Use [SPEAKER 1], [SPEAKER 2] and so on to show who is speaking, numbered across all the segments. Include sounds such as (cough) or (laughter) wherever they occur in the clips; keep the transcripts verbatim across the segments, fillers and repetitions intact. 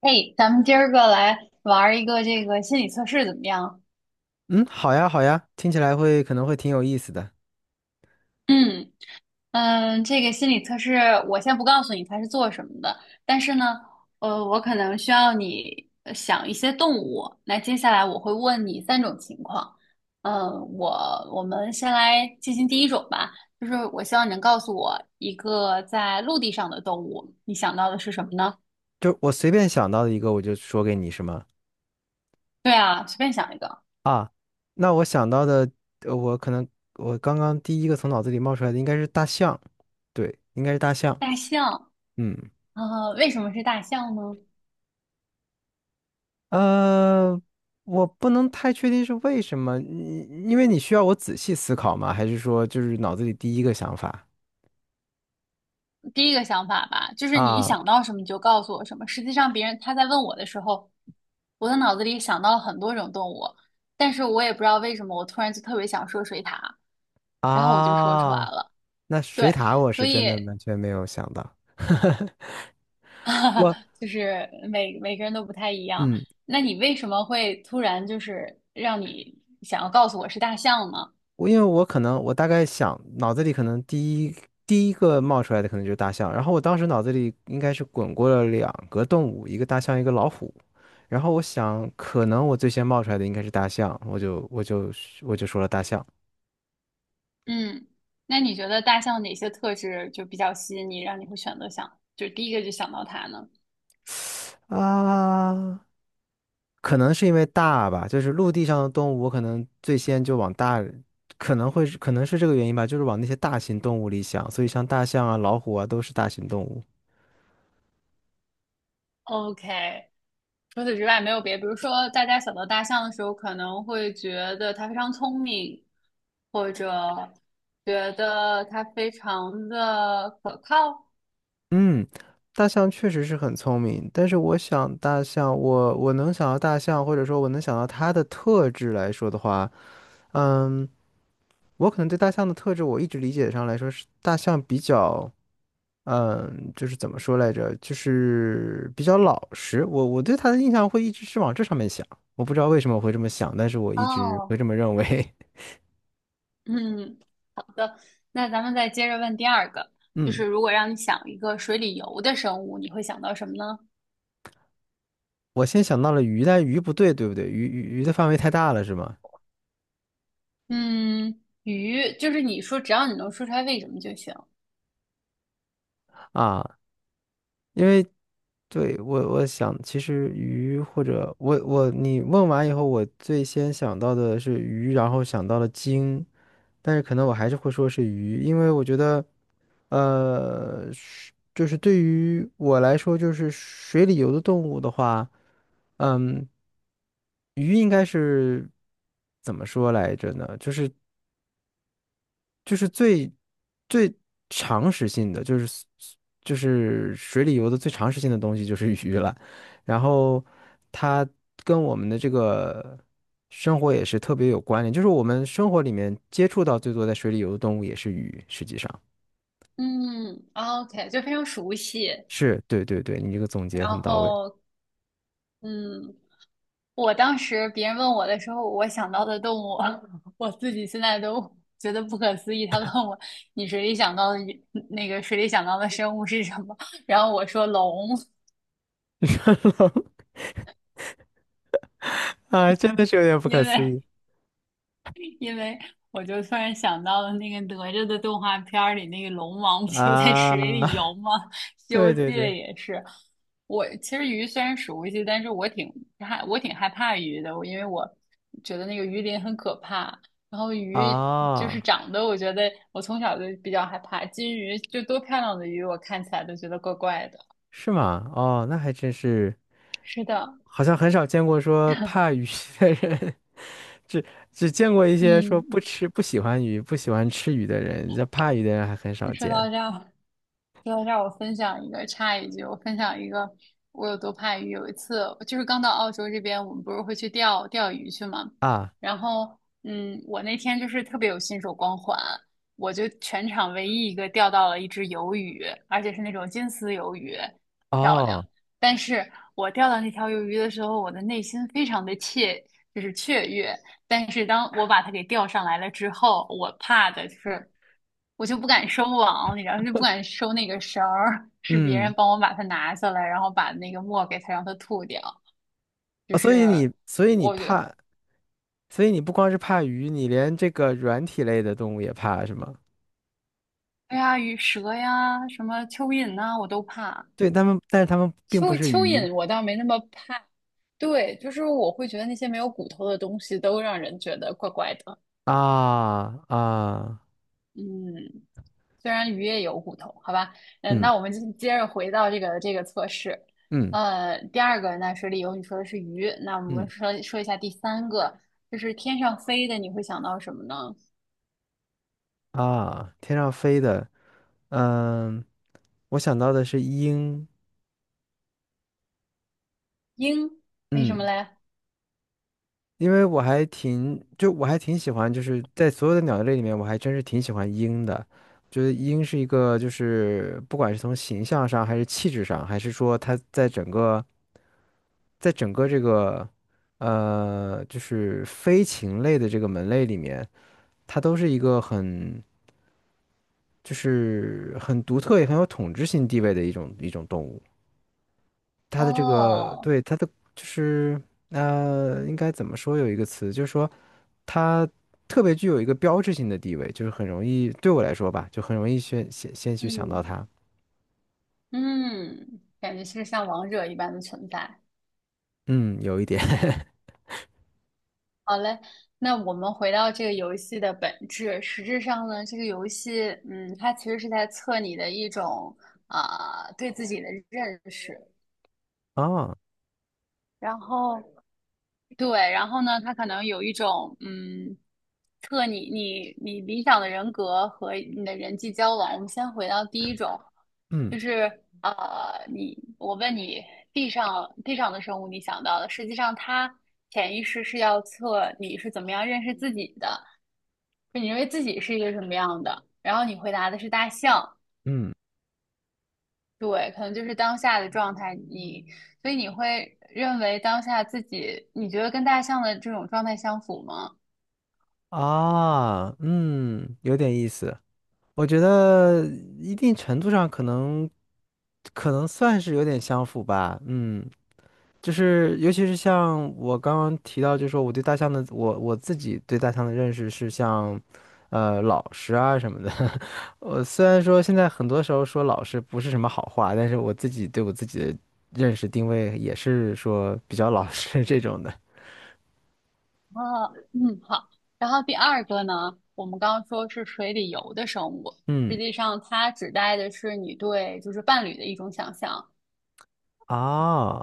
[SPEAKER 1] 哎，咱们今儿个来玩儿一个这个心理测试怎么样？
[SPEAKER 2] 嗯，好呀，好呀，听起来会可能会挺有意思的。
[SPEAKER 1] 嗯。嗯，这个心理测试我先不告诉你它是做什么的，但是呢，呃，我可能需要你呃想一些动物。那接下来我会问你三种情况。嗯，我我们先来进行第一种吧，就是我希望你能告诉我一个在陆地上的动物，你想到的是什么呢？
[SPEAKER 2] 就我随便想到的一个，我就说给你，是吗？
[SPEAKER 1] 对啊，随便想一个。
[SPEAKER 2] 啊，那我想到的，呃我可能我刚刚第一个从脑子里冒出来的应该是大象，对，应该是大象。
[SPEAKER 1] 大象。
[SPEAKER 2] 嗯，
[SPEAKER 1] 呃，为什么是大象呢？
[SPEAKER 2] 呃，我不能太确定是为什么，因因为你需要我仔细思考吗？还是说就是脑子里第一个想法
[SPEAKER 1] 第一个想法吧，就是你一
[SPEAKER 2] 啊
[SPEAKER 1] 想到什么你就告诉我什么。实际上，别人他在问我的时候，我的脑子里想到了很多种动物，但是我也不知道为什么，我突然就特别想说水獭，然后我就说出来
[SPEAKER 2] 啊？
[SPEAKER 1] 了。
[SPEAKER 2] 那水
[SPEAKER 1] 对，
[SPEAKER 2] 獭我
[SPEAKER 1] 所
[SPEAKER 2] 是真的
[SPEAKER 1] 以
[SPEAKER 2] 完全没有想到，(laughs) 我
[SPEAKER 1] (laughs) 就是每每个人都不太一样。
[SPEAKER 2] 嗯，
[SPEAKER 1] 那你为什么会突然就是让你想要告诉我是大象呢？
[SPEAKER 2] 我因为我可能我大概想脑子里可能第一第一个冒出来的可能就是大象，然后我当时脑子里应该是滚过了两个动物，一个大象，一个老虎。然后我想，可能我最先冒出来的应该是大象，我就我就我就说了大象。
[SPEAKER 1] 嗯。那你觉得大象哪些特质就比较吸引你，让你会选择想，就第一个就想到它呢？
[SPEAKER 2] 啊，可能是因为大吧，就是陆地上的动物，我可能最先就往大，可能会是可能是这个原因吧，就是往那些大型动物里想，所以像大象啊、老虎啊都是大型动物。
[SPEAKER 1] OK，除此之外没有别的，比如说大家想到大象的时候，可能会觉得它非常聪明，或者觉得它非常的可靠。
[SPEAKER 2] 嗯，大象确实是很聪明，但是我想大象，我我能想到大象，或者说我能想到它的特质来说的话，嗯，我可能对大象的特质，我一直理解上来说是大象比较。嗯，就是怎么说来着，就是比较老实。我我对他的印象会一直是往这上面想，我不知道为什么我会这么想，但是我一直会
[SPEAKER 1] 哦，
[SPEAKER 2] 这么认为。
[SPEAKER 1] 嗯，那咱们再接着问第二个，
[SPEAKER 2] (laughs)
[SPEAKER 1] 就
[SPEAKER 2] 嗯，
[SPEAKER 1] 是如果让你想一个水里游的生物，你会想到什么呢？
[SPEAKER 2] 我先想到了鱼，但鱼不对，对不对？鱼鱼鱼的范围太大了，是吗？
[SPEAKER 1] 嗯，鱼，就是你说只要你能说出来为什么就行。
[SPEAKER 2] 啊，因为对我我想，其实鱼或者我我你问完以后，我最先想到的是鱼，然后想到了鲸。但是可能我还是会说是鱼，因为我觉得，呃，是就是对于我来说，就是水里游的动物的话，嗯，鱼应该是怎么说来着呢？就是。就是最最常识性的，就是就是水里游的最常识性的东西就是鱼了。然后它跟我们的这个生活也是特别有关联，就是我们生活里面接触到最多在水里游的动物也是鱼，实际上
[SPEAKER 1] 嗯，OK，就非常熟悉，
[SPEAKER 2] 是对对对，你这个总结
[SPEAKER 1] 然
[SPEAKER 2] 很到位。
[SPEAKER 1] 后嗯，我当时别人问我的时候，我想到的动物，(laughs) 我自己现在都觉得不可思议。他问我，你水里想到的鱼那个水里想到的生物是什么？然后我说龙，
[SPEAKER 2] (laughs) 人龙啊，真的是有点不可
[SPEAKER 1] 因
[SPEAKER 2] 思
[SPEAKER 1] 为
[SPEAKER 2] 议
[SPEAKER 1] 因为我就突然想到了那个哪吒的动画片儿里，那个龙王不就在
[SPEAKER 2] 啊！
[SPEAKER 1] 水里游吗？(laughs)
[SPEAKER 2] (laughs)
[SPEAKER 1] 《西游
[SPEAKER 2] 对
[SPEAKER 1] 记》
[SPEAKER 2] 对对
[SPEAKER 1] 也是。我其实鱼虽然熟悉，但是我挺害我挺害怕鱼的，我因为我觉得那个鱼鳞很可怕。然后鱼就是
[SPEAKER 2] 啊。
[SPEAKER 1] 长得，我觉得我从小就比较害怕。金鱼就多漂亮的鱼，我看起来都觉得怪怪的。
[SPEAKER 2] 是吗？哦，那还真是，
[SPEAKER 1] 是的。
[SPEAKER 2] 好像很少见过说怕鱼 (laughs) 的人，(laughs) 只只见过一些说
[SPEAKER 1] 嗯，
[SPEAKER 2] 不吃、不喜欢鱼、不喜欢吃鱼的人，这怕鱼的人还很少
[SPEAKER 1] 说
[SPEAKER 2] 见
[SPEAKER 1] 到这儿，要让我分享一个，插一句，我分享一个，我有多怕鱼。有一次，就是刚到澳洲这边，我们不是会去钓钓鱼去嘛，
[SPEAKER 2] 啊。
[SPEAKER 1] 然后，嗯，我那天就是特别有新手光环，我就全场唯一一个钓到了一只鱿鱼，而且是那种金丝鱿鱼，漂亮。
[SPEAKER 2] 哦，
[SPEAKER 1] 但是我钓到那条鱿鱼的时候，我的内心非常的雀，就是雀跃。但是当我把它给钓上来了之后，我怕的就是。我就不敢收网，你知道，就不敢收那个绳儿，是别人
[SPEAKER 2] 嗯，
[SPEAKER 1] 帮我把它拿下来，然后把那个墨给它让它吐掉。就
[SPEAKER 2] 哦所以
[SPEAKER 1] 是
[SPEAKER 2] 你，所以你
[SPEAKER 1] 我觉得，
[SPEAKER 2] 怕，所以你不光是怕鱼，你连这个软体类的动物也怕，是吗？
[SPEAKER 1] 哎呀，鱼蛇呀，什么蚯蚓呐、我都怕。
[SPEAKER 2] 对，他们，但是他们并不
[SPEAKER 1] 蚯
[SPEAKER 2] 是
[SPEAKER 1] 蚯
[SPEAKER 2] 鱼
[SPEAKER 1] 蚓我倒没那么怕，对，就是我会觉得那些没有骨头的东西都让人觉得怪怪的。
[SPEAKER 2] 啊啊，
[SPEAKER 1] 嗯，虽然鱼也有骨头，好吧，嗯，
[SPEAKER 2] 嗯
[SPEAKER 1] 那我们就接着回到这个这个测试，
[SPEAKER 2] 嗯
[SPEAKER 1] 呃，第二个那水里游，你说的是鱼，那我们
[SPEAKER 2] 嗯。
[SPEAKER 1] 说说一下第三个，就是天上飞的，你会想到什么呢？
[SPEAKER 2] 啊，天上飞的，嗯，我想到的是鹰，
[SPEAKER 1] 鹰，为什么
[SPEAKER 2] 嗯，
[SPEAKER 1] 嘞？
[SPEAKER 2] 因为我还挺，就我还挺喜欢，就是在所有的鸟类里面，我还真是挺喜欢鹰的，觉得鹰是一个，就是不管是从形象上，还是气质上，还是说它在整个，在整个这个，呃，就是飞禽类的这个门类里面，它都是一个很，就是很独特也很有统治性地位的一种一种动物。它的这个
[SPEAKER 1] 哦。
[SPEAKER 2] 对它的就是呃，应该怎么说有一个词，就是说它特别具有一个标志性的地位，就是很容易对我来说吧，就很容易先先先去想到
[SPEAKER 1] 嗯。
[SPEAKER 2] 它。
[SPEAKER 1] 嗯，感觉是像王者一般的存在。
[SPEAKER 2] 嗯，有一点
[SPEAKER 1] 好嘞，那我们回到这个游戏的本质，实质上呢，这个游戏，嗯，它其实是在测你的一种啊、对自己的认识。
[SPEAKER 2] (laughs) 啊，
[SPEAKER 1] 然后，对，然后呢，他可能有一种嗯，测你你你理想的人格和你的人际交往。我们先回到第一种，
[SPEAKER 2] 嗯
[SPEAKER 1] 就是呃，你我问你，地上地上的生物你想到的，实际上它潜意识是要测你是怎么样认识自己的，就你认为自己是一个什么样的。然后你回答的是大象，
[SPEAKER 2] 嗯
[SPEAKER 1] 对，可能就是当下的状态。你所以你会认为当下自己，你觉得跟大象的这种状态相符吗？
[SPEAKER 2] 啊，嗯，有点意思。我觉得一定程度上可能可能算是有点相符吧。嗯就是尤其是像我刚刚提到，就是说我对大象的，我我自己对大象的认识是像，呃，老实啊什么的。(laughs) 我虽然说现在很多时候说老实不是什么好话，但是我自己对我自己的认识定位也是说比较老实 (laughs) 这种的。
[SPEAKER 1] 啊，嗯，好。然后第二个呢，我们刚刚说是水里游的生物，
[SPEAKER 2] 嗯，
[SPEAKER 1] 实际上它指代的是你对就是伴侣的一种想象。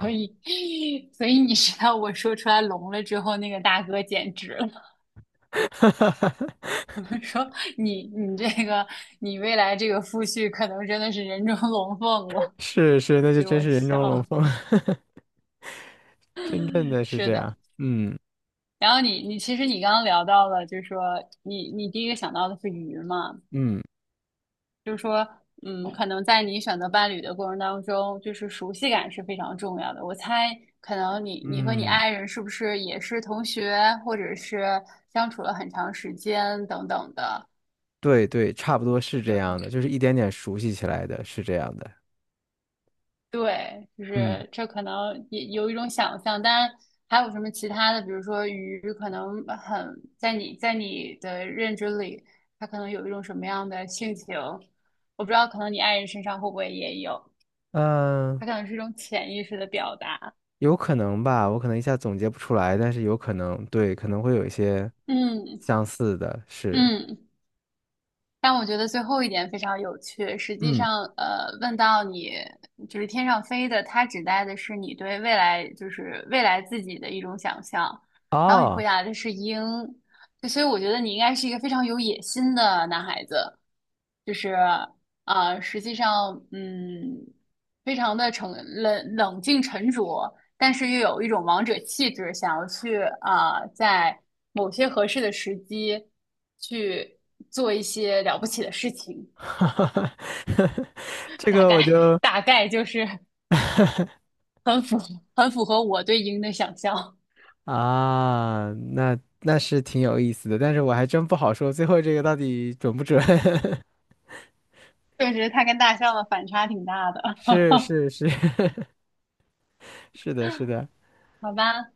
[SPEAKER 1] 所以，(laughs) 所以你知道我说出来聋了之后，那个大哥简直了，(laughs) 说你你这个你未来这个夫婿可能真的是人中龙凤了，
[SPEAKER 2] (laughs) 是是，那就
[SPEAKER 1] 给
[SPEAKER 2] 真
[SPEAKER 1] 我
[SPEAKER 2] 是人中龙
[SPEAKER 1] 笑。
[SPEAKER 2] 凤，(laughs) 真正的是
[SPEAKER 1] 是
[SPEAKER 2] 这
[SPEAKER 1] 的，
[SPEAKER 2] 样。嗯
[SPEAKER 1] 然后你你其实你刚刚聊到了，就是说你你第一个想到的是鱼嘛。
[SPEAKER 2] 嗯
[SPEAKER 1] 就是说，嗯，可能在你选择伴侣的过程当中，就是熟悉感是非常重要的。我猜，可能你你和你
[SPEAKER 2] 嗯，
[SPEAKER 1] 爱人是不是也是同学，或者是相处了很长时间等等的？
[SPEAKER 2] 对对，差不多是这
[SPEAKER 1] 有，
[SPEAKER 2] 样的，就是一点点熟悉起来的，是这样的。
[SPEAKER 1] 对，就
[SPEAKER 2] 嗯。
[SPEAKER 1] 是这可能也有一种想象，当然还有什么其他的，比如说鱼，可能很在你在你的认知里，它可能有一种什么样的性情，我不知道，可能你爱人身上会不会也有，
[SPEAKER 2] 嗯，
[SPEAKER 1] 它可能是一种潜意识的表达。
[SPEAKER 2] 有可能吧，我可能一下总结不出来，但是有可能，对，可能会有一些
[SPEAKER 1] 嗯。
[SPEAKER 2] 相似的，是，
[SPEAKER 1] 嗯，但我觉得最后一点非常有趣。实际
[SPEAKER 2] 嗯，
[SPEAKER 1] 上，呃，问到你就是天上飞的，它指代的是你对未来，就是未来自己的一种想象。然后你回
[SPEAKER 2] 哦，
[SPEAKER 1] 答的是鹰，就所以我觉得你应该是一个非常有野心的男孩子，就是呃，实际上，嗯，非常的沉冷冷静沉着，但是又有一种王者气质，想要去啊、呃在某些合适的时机去做一些了不起的事情。
[SPEAKER 2] (laughs) 这
[SPEAKER 1] 大
[SPEAKER 2] 个
[SPEAKER 1] 概
[SPEAKER 2] 我就
[SPEAKER 1] 大概就是很符很符合我对鹰的想象。
[SPEAKER 2] 啊，那那是挺有意思的，但是我还真不好说最后这个到底准不准。(laughs)
[SPEAKER 1] 确实，它跟大象的反差挺大的。
[SPEAKER 2] 是是是 (laughs) 是的，是的，
[SPEAKER 1] 好吧，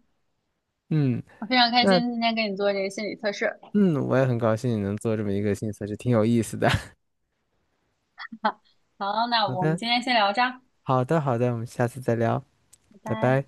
[SPEAKER 2] 嗯，
[SPEAKER 1] 我非常开
[SPEAKER 2] 那
[SPEAKER 1] 心今天跟你做这个心理测试。
[SPEAKER 2] 嗯，我也很高兴你能做这么一个新测试，挺有意思的。
[SPEAKER 1] 好，那我们今
[SPEAKER 2] (laughs)
[SPEAKER 1] 天先聊这儿。
[SPEAKER 2] 好的，好的，好的，我们下次再聊，
[SPEAKER 1] 拜
[SPEAKER 2] 拜
[SPEAKER 1] 拜。
[SPEAKER 2] 拜。